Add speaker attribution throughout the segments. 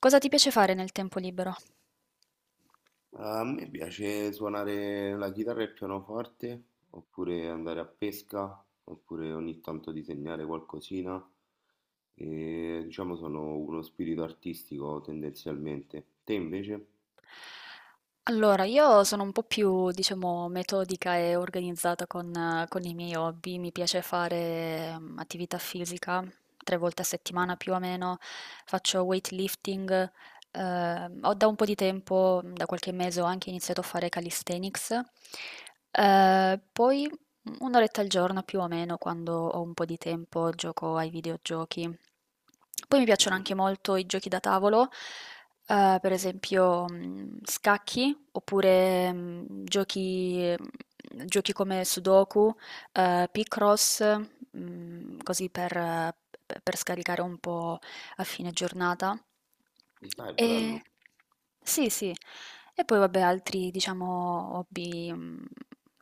Speaker 1: Cosa ti piace fare nel tempo libero?
Speaker 2: A me piace suonare la chitarra e il pianoforte, oppure andare a pesca, oppure ogni tanto disegnare qualcosina. E diciamo sono uno spirito artistico tendenzialmente. Te invece?
Speaker 1: Allora, io sono un po' più, diciamo, metodica e organizzata con i miei hobby. Mi piace fare attività fisica 3 volte a settimana più
Speaker 2: Ah,
Speaker 1: o meno. Faccio weightlifting. Ho da un po' di tempo, da qualche mese, ho anche iniziato a fare calisthenics. Poi un'oretta al giorno più o meno, quando ho un po' di tempo, gioco ai videogiochi. Poi mi piacciono
Speaker 2: dai,
Speaker 1: anche molto i giochi da tavolo. Per esempio, scacchi oppure giochi come Sudoku, Picross, così per scaricare un po' a fine giornata.
Speaker 2: dai, bello.
Speaker 1: E sì, sì. E poi vabbè, altri, diciamo, hobby, mh,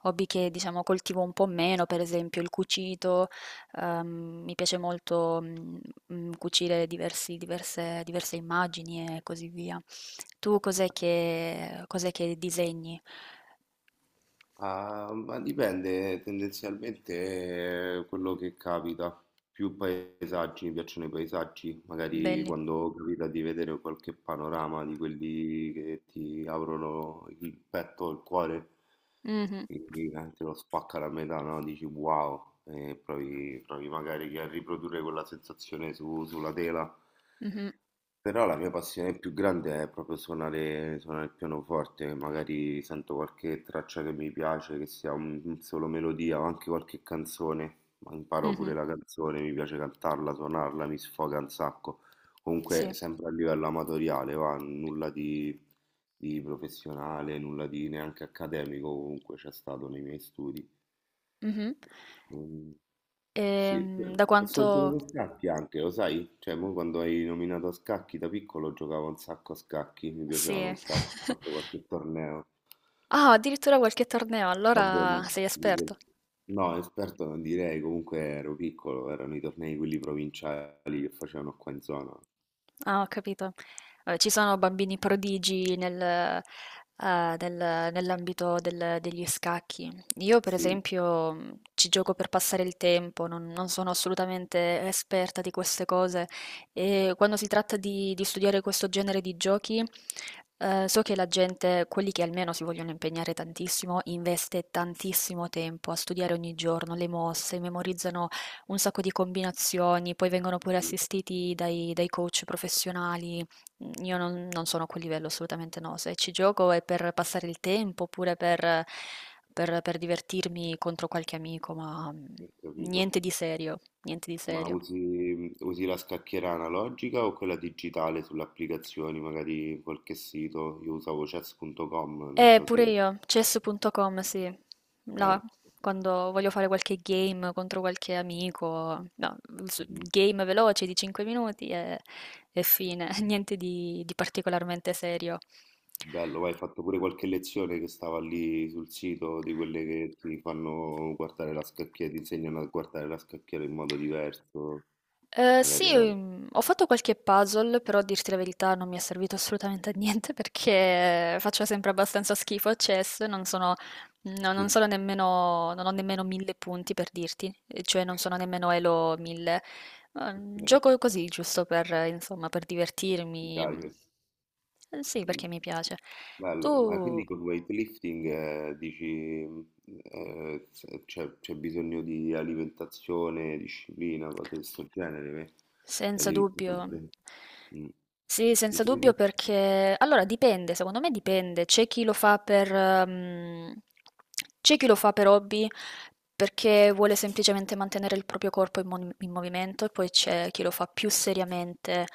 Speaker 1: hobby che diciamo coltivo un po' meno, per esempio il cucito. Mi piace molto cucire diversi diverse diverse immagini e così via. Tu cos'è che disegni?
Speaker 2: Ah, ma dipende tendenzialmente, quello che capita. Più paesaggi, mi piacciono i paesaggi, magari
Speaker 1: Belli.
Speaker 2: quando capita di vedere qualche panorama di quelli che ti aprono il petto, il cuore,
Speaker 1: Mh-mh.
Speaker 2: quindi, te lo spacca la metà, no? Dici wow, e provi magari che a riprodurre quella sensazione sulla tela.
Speaker 1: Mh-mh.
Speaker 2: Però la mia passione più grande è proprio suonare, suonare il pianoforte, magari sento qualche traccia che mi piace, che sia un solo melodia o anche qualche canzone, ma imparo
Speaker 1: Mh-mh.
Speaker 2: pure la canzone, mi piace cantarla, suonarla, mi sfoga un sacco. Comunque
Speaker 1: Sì.
Speaker 2: sempre a livello amatoriale, va, nulla di professionale, nulla di neanche accademico comunque c'è stato nei miei studi.
Speaker 1: Mh-mh.
Speaker 2: Mm, sì,
Speaker 1: Da
Speaker 2: ho solo
Speaker 1: quanto.
Speaker 2: giocato a scacchi anche, lo sai? Cioè, mo quando hai nominato a scacchi da piccolo giocavo un sacco a scacchi, mi piacevano
Speaker 1: Sì.
Speaker 2: un sacco, ho fatto qualche torneo.
Speaker 1: Ah, addirittura qualche torneo,
Speaker 2: Vabbè,
Speaker 1: allora
Speaker 2: ma.
Speaker 1: sei esperto.
Speaker 2: No, esperto non direi, comunque ero piccolo, erano i tornei quelli provinciali che facevano qua in zona.
Speaker 1: Ah, ho capito. Ci sono bambini prodigi nell'ambito degli scacchi. Io, per
Speaker 2: Sì,
Speaker 1: esempio, ci gioco per passare il tempo, non sono assolutamente esperta di queste cose, e quando si tratta di studiare questo genere di giochi, so che la gente, quelli che almeno si vogliono impegnare tantissimo, investe tantissimo tempo a studiare ogni giorno le mosse, memorizzano un sacco di combinazioni, poi vengono pure
Speaker 2: sì.
Speaker 1: assistiti dai coach professionali. Io non sono a quel livello, assolutamente no. Se ci gioco è per passare il tempo, oppure per divertirmi contro qualche amico, ma
Speaker 2: Ho capito.
Speaker 1: niente di serio, niente di
Speaker 2: Ma
Speaker 1: serio.
Speaker 2: usi, usi la scacchiera analogica o quella digitale sulle applicazioni, magari qualche sito? Io usavo chess.com, non
Speaker 1: Eh,
Speaker 2: so
Speaker 1: pure
Speaker 2: se...
Speaker 1: io, chess.com, sì. Là,
Speaker 2: Eh,
Speaker 1: quando voglio fare qualche game contro qualche amico, no,
Speaker 2: mhm.
Speaker 1: game veloce di 5 minuti e, fine, niente di particolarmente serio.
Speaker 2: Bello, vai, hai fatto pure qualche lezione che stava lì sul sito di quelle che ti fanno guardare la scacchiera, ti insegnano a guardare la scacchiera in modo diverso, magari
Speaker 1: Sì,
Speaker 2: era...
Speaker 1: ho fatto qualche puzzle, però a dirti la verità non mi è servito assolutamente a niente perché faccio sempre abbastanza schifo a chess, non sono, no, non sono nemmeno, non ho nemmeno 1000 punti, per dirti, e cioè non sono nemmeno elo 1000.
Speaker 2: Ok,
Speaker 1: Gioco così giusto per insomma, per
Speaker 2: mi
Speaker 1: divertirmi.
Speaker 2: piace.
Speaker 1: Sì,
Speaker 2: Mh.
Speaker 1: perché mi piace.
Speaker 2: Bello, ma
Speaker 1: Tu.
Speaker 2: quindi col weightlifting, dici, mhmm, s c'è bisogno di alimentazione, disciplina, cose di 'sto genere pe la
Speaker 1: Senza
Speaker 2: devi
Speaker 1: dubbio.
Speaker 2: sempre mh.
Speaker 1: Sì, senza
Speaker 2: Dicevi?
Speaker 1: dubbio, perché allora dipende, secondo me dipende. C'è chi lo fa per hobby perché vuole semplicemente mantenere il proprio corpo in movimento, e poi c'è chi lo fa più seriamente,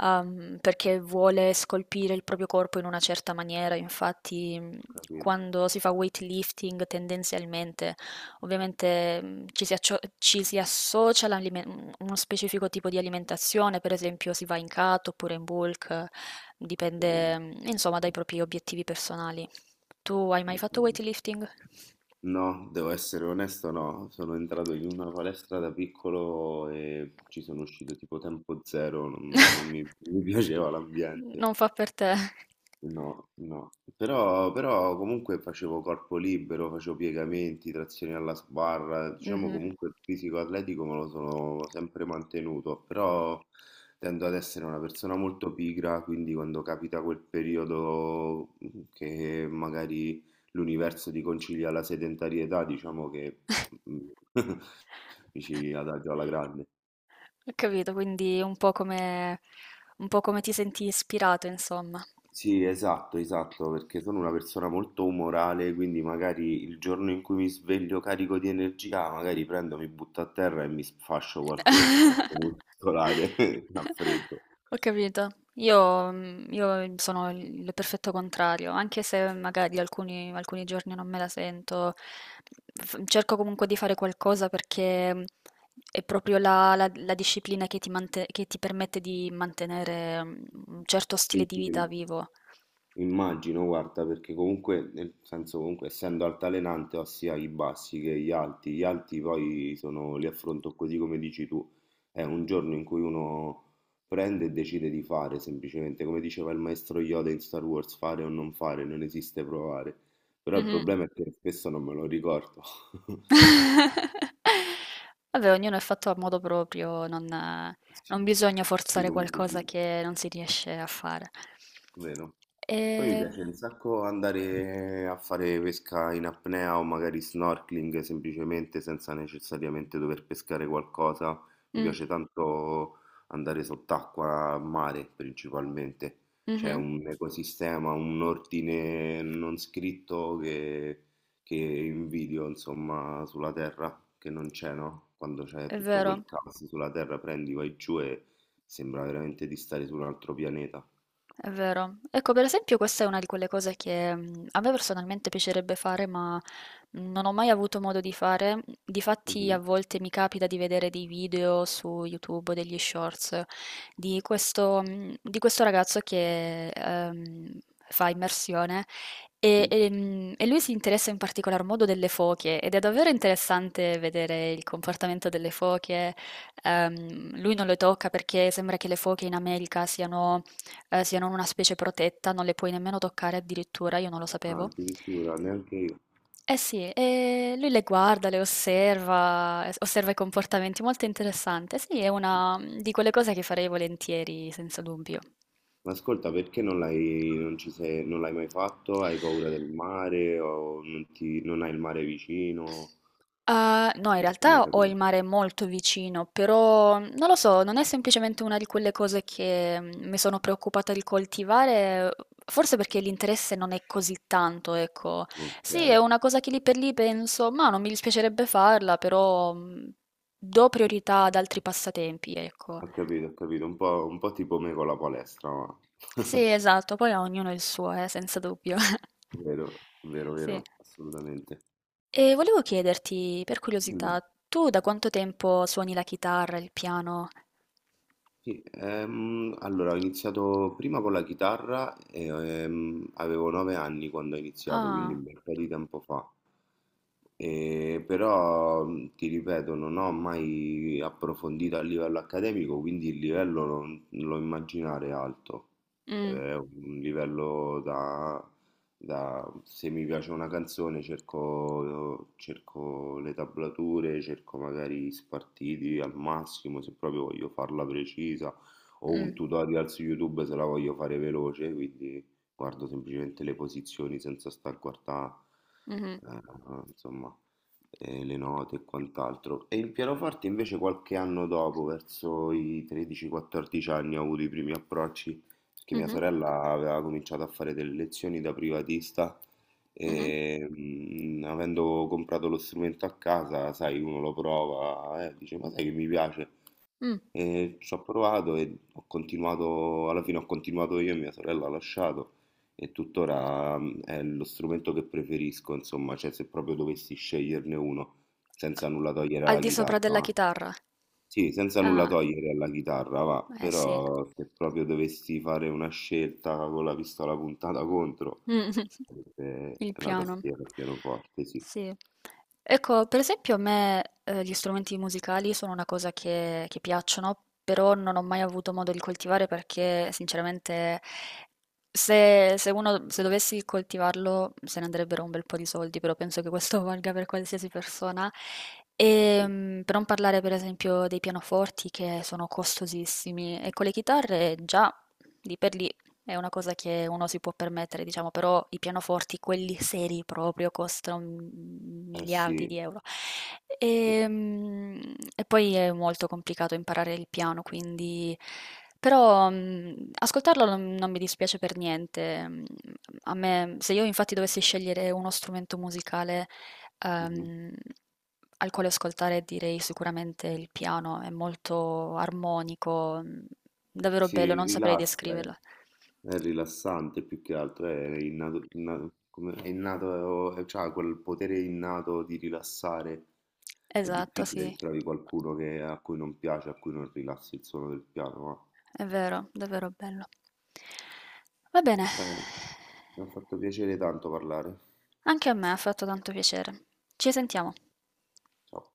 Speaker 1: perché vuole scolpire il proprio corpo in una certa maniera. Infatti,
Speaker 2: Ho capito,
Speaker 1: quando si fa weightlifting tendenzialmente. Ovviamente, ci si associa a uno specifico tipo di alimentazione, per esempio si va in cut oppure in bulk.
Speaker 2: ho capito,
Speaker 1: Dipende, insomma, dai propri obiettivi personali. Tu hai mai
Speaker 2: ho
Speaker 1: fatto
Speaker 2: capito.
Speaker 1: weightlifting?
Speaker 2: No, devo essere onesto, no. Sono entrato in una palestra da piccolo e ci sono uscito tipo tempo zero, non mi mi piaceva l'ambiente.
Speaker 1: Non fa per te.
Speaker 2: No, no, però, però comunque facevo corpo libero, facevo piegamenti, trazioni alla sbarra, diciamo
Speaker 1: Mhm.
Speaker 2: comunque il fisico atletico me lo sono sempre mantenuto, però tendo ad essere una persona molto pigra, quindi quando capita quel periodo che magari l'universo ti concilia la sedentarietà, diciamo che mm, mi ci adagio alla grande.
Speaker 1: Ho capito, quindi un po' come ti senti ispirato, insomma.
Speaker 2: Sì, esatto, esatto, perché sono una persona molto umorale, quindi magari il giorno in cui mi sveglio carico di energia, magari prendo, mi butto a terra e mi sfascio qualche fatto muscolare a freddo.
Speaker 1: Ho capito. Io sono il, perfetto contrario, anche se magari alcuni giorni non me la sento. Cerco comunque di fare qualcosa perché è proprio la, la disciplina che ti permette di mantenere un certo stile
Speaker 2: Sì,
Speaker 1: di
Speaker 2: sì,
Speaker 1: vita vivo.
Speaker 2: immagino, guarda, perché comunque, nel senso, comunque, essendo altalenante, ho sia i bassi che gli alti. Gli alti poi sono, li affronto così come dici tu. È un giorno in cui uno prende e decide di fare, semplicemente, come diceva il maestro Yoda in Star Wars, fare o non fare, non esiste provare. Però il problema è che spesso non me lo ricordo.
Speaker 1: Vabbè, ognuno è fatto a modo proprio, non, eh,
Speaker 2: Sì.
Speaker 1: non bisogna
Speaker 2: Sì,
Speaker 1: forzare
Speaker 2: comunque
Speaker 1: qualcosa
Speaker 2: sì,
Speaker 1: che non si riesce a fare.
Speaker 2: vero? Poi mi
Speaker 1: E,
Speaker 2: piace un sacco andare a fare pesca in apnea o magari snorkeling semplicemente senza necessariamente dover pescare qualcosa. Mi
Speaker 1: Mm,
Speaker 2: piace tanto andare sott'acqua a mare principalmente. C'è
Speaker 1: mhm,
Speaker 2: un ecosistema, un ordine non scritto che invidio insomma sulla terra, che non c'è, no? Quando c'è
Speaker 1: è
Speaker 2: tutto quel
Speaker 1: vero.
Speaker 2: caos sulla terra prendi, vai giù e sembra veramente di stare su un altro pianeta.
Speaker 1: È vero. Ecco, per esempio, questa è una di quelle cose che, a me personalmente piacerebbe fare, ma non ho mai avuto modo di fare. Difatti, a
Speaker 2: Mhm,
Speaker 1: volte mi capita di vedere dei video su YouTube, degli shorts di questo ragazzo che fa immersione e,
Speaker 2: mhm.
Speaker 1: e, mm, e lui si interessa in particolar modo delle foche, ed è davvero interessante vedere il comportamento delle foche. Lui non le tocca perché sembra che le foche in America siano, siano una specie protetta, non le puoi nemmeno toccare addirittura, io non lo
Speaker 2: Ah,
Speaker 1: sapevo.
Speaker 2: addirittura, neanche io.
Speaker 1: Eh sì, e lui le guarda, le osserva, osserva i comportamenti, molto interessante. Sì, è una, di quelle cose che farei volentieri, senza dubbio.
Speaker 2: Ma ascolta, perché non l'hai non ci sei, non l'hai mai fatto? Hai paura del mare o non ti, non hai il mare vicino?
Speaker 1: Ah, no, in
Speaker 2: Non ti ho mai
Speaker 1: realtà ho il
Speaker 2: capito.
Speaker 1: mare molto vicino, però non lo so, non è semplicemente una di quelle cose che mi sono preoccupata di coltivare, forse perché l'interesse non è così tanto, ecco.
Speaker 2: Non ti
Speaker 1: Sì, è
Speaker 2: sei.
Speaker 1: una cosa che lì per lì penso, ma non mi dispiacerebbe farla, però do priorità ad altri passatempi, ecco.
Speaker 2: Ho capito, ho capito. Un po' tipo me con la palestra, ma.
Speaker 1: Sì, esatto, poi a ognuno il suo, senza dubbio.
Speaker 2: Vero, vero,
Speaker 1: Sì.
Speaker 2: vero, assolutamente.
Speaker 1: E volevo chiederti, per
Speaker 2: Mm.
Speaker 1: curiosità, tu da quanto tempo suoni la chitarra, il piano?
Speaker 2: Sì, allora ho iniziato prima con la chitarra e avevo 9 anni quando ho iniziato, quindi
Speaker 1: Ah.
Speaker 2: un bel po' di tempo fa. E però ti ripeto, non ho mai approfondito a livello accademico, quindi il livello non lo immaginare alto.
Speaker 1: Mm.
Speaker 2: È un livello da se mi piace una canzone cerco, cerco le tablature, cerco magari spartiti al massimo se proprio voglio farla precisa o un
Speaker 1: Mm.
Speaker 2: tutorial su YouTube se la voglio fare veloce, quindi guardo semplicemente le posizioni senza stare a guardare,
Speaker 1: Mhm.
Speaker 2: eh, insomma, le note e quant'altro. E il pianoforte invece qualche anno dopo, verso i 13-14 anni, ho avuto i primi approcci che mia
Speaker 1: Mhm.
Speaker 2: sorella aveva cominciato a fare delle lezioni da privatista
Speaker 1: Mhm.
Speaker 2: e avendo comprato lo strumento a casa, sai, uno lo prova e dice, ma sai che mi piace?
Speaker 1: Mm.
Speaker 2: E ci ho provato e ho continuato, alla fine ho continuato io e mia sorella ha lasciato e tuttora è lo strumento che preferisco, insomma, cioè se proprio dovessi sceglierne uno, senza nulla togliere
Speaker 1: Al
Speaker 2: alla
Speaker 1: di sopra della
Speaker 2: chitarra, eh.
Speaker 1: chitarra?
Speaker 2: Sì, senza nulla
Speaker 1: Ah,
Speaker 2: togliere alla chitarra, va,
Speaker 1: eh sì.
Speaker 2: però se proprio dovessi fare una scelta con la pistola puntata contro,
Speaker 1: Mh.
Speaker 2: sarebbe
Speaker 1: Il
Speaker 2: la
Speaker 1: piano.
Speaker 2: tastiera al pianoforte, sì.
Speaker 1: Sì. Ecco, per esempio a me, gli strumenti musicali sono una cosa che piacciono, però non ho mai avuto modo di coltivare, perché sinceramente se uno, se dovessi coltivarlo se ne andrebbero un bel po' di soldi, però penso che questo valga per qualsiasi persona.
Speaker 2: Eh sì,
Speaker 1: Per non parlare per esempio dei pianoforti, che sono costosissimi, e con le chitarre già di per lì è una cosa che uno si può permettere, diciamo, però i pianoforti, quelli seri proprio, costano
Speaker 2: eh
Speaker 1: miliardi
Speaker 2: sì,
Speaker 1: di euro.
Speaker 2: sì.
Speaker 1: Ehm, E poi è molto complicato imparare il piano, quindi. Però ascoltarlo non mi dispiace per niente. A me, se io infatti dovessi scegliere uno strumento musicale,
Speaker 2: Mhm.
Speaker 1: ehm, al quale ascoltare, direi sicuramente il piano, è molto armonico, davvero bello,
Speaker 2: Sì,
Speaker 1: non saprei
Speaker 2: rilassa,
Speaker 1: descriverlo.
Speaker 2: eh. È rilassante più che altro, è innato, è innato, c'ha quel potere innato di rilassare. È
Speaker 1: Esatto,
Speaker 2: difficile
Speaker 1: sì,
Speaker 2: che trovi qualcuno che- a cui non piace, a cui non rilassi il suono del piano, ma.
Speaker 1: è vero, davvero bello. Va bene,
Speaker 2: Bene, mi ha fatto piacere tanto parlare.
Speaker 1: anche a me ha fatto tanto piacere. Ci sentiamo.
Speaker 2: Ciao.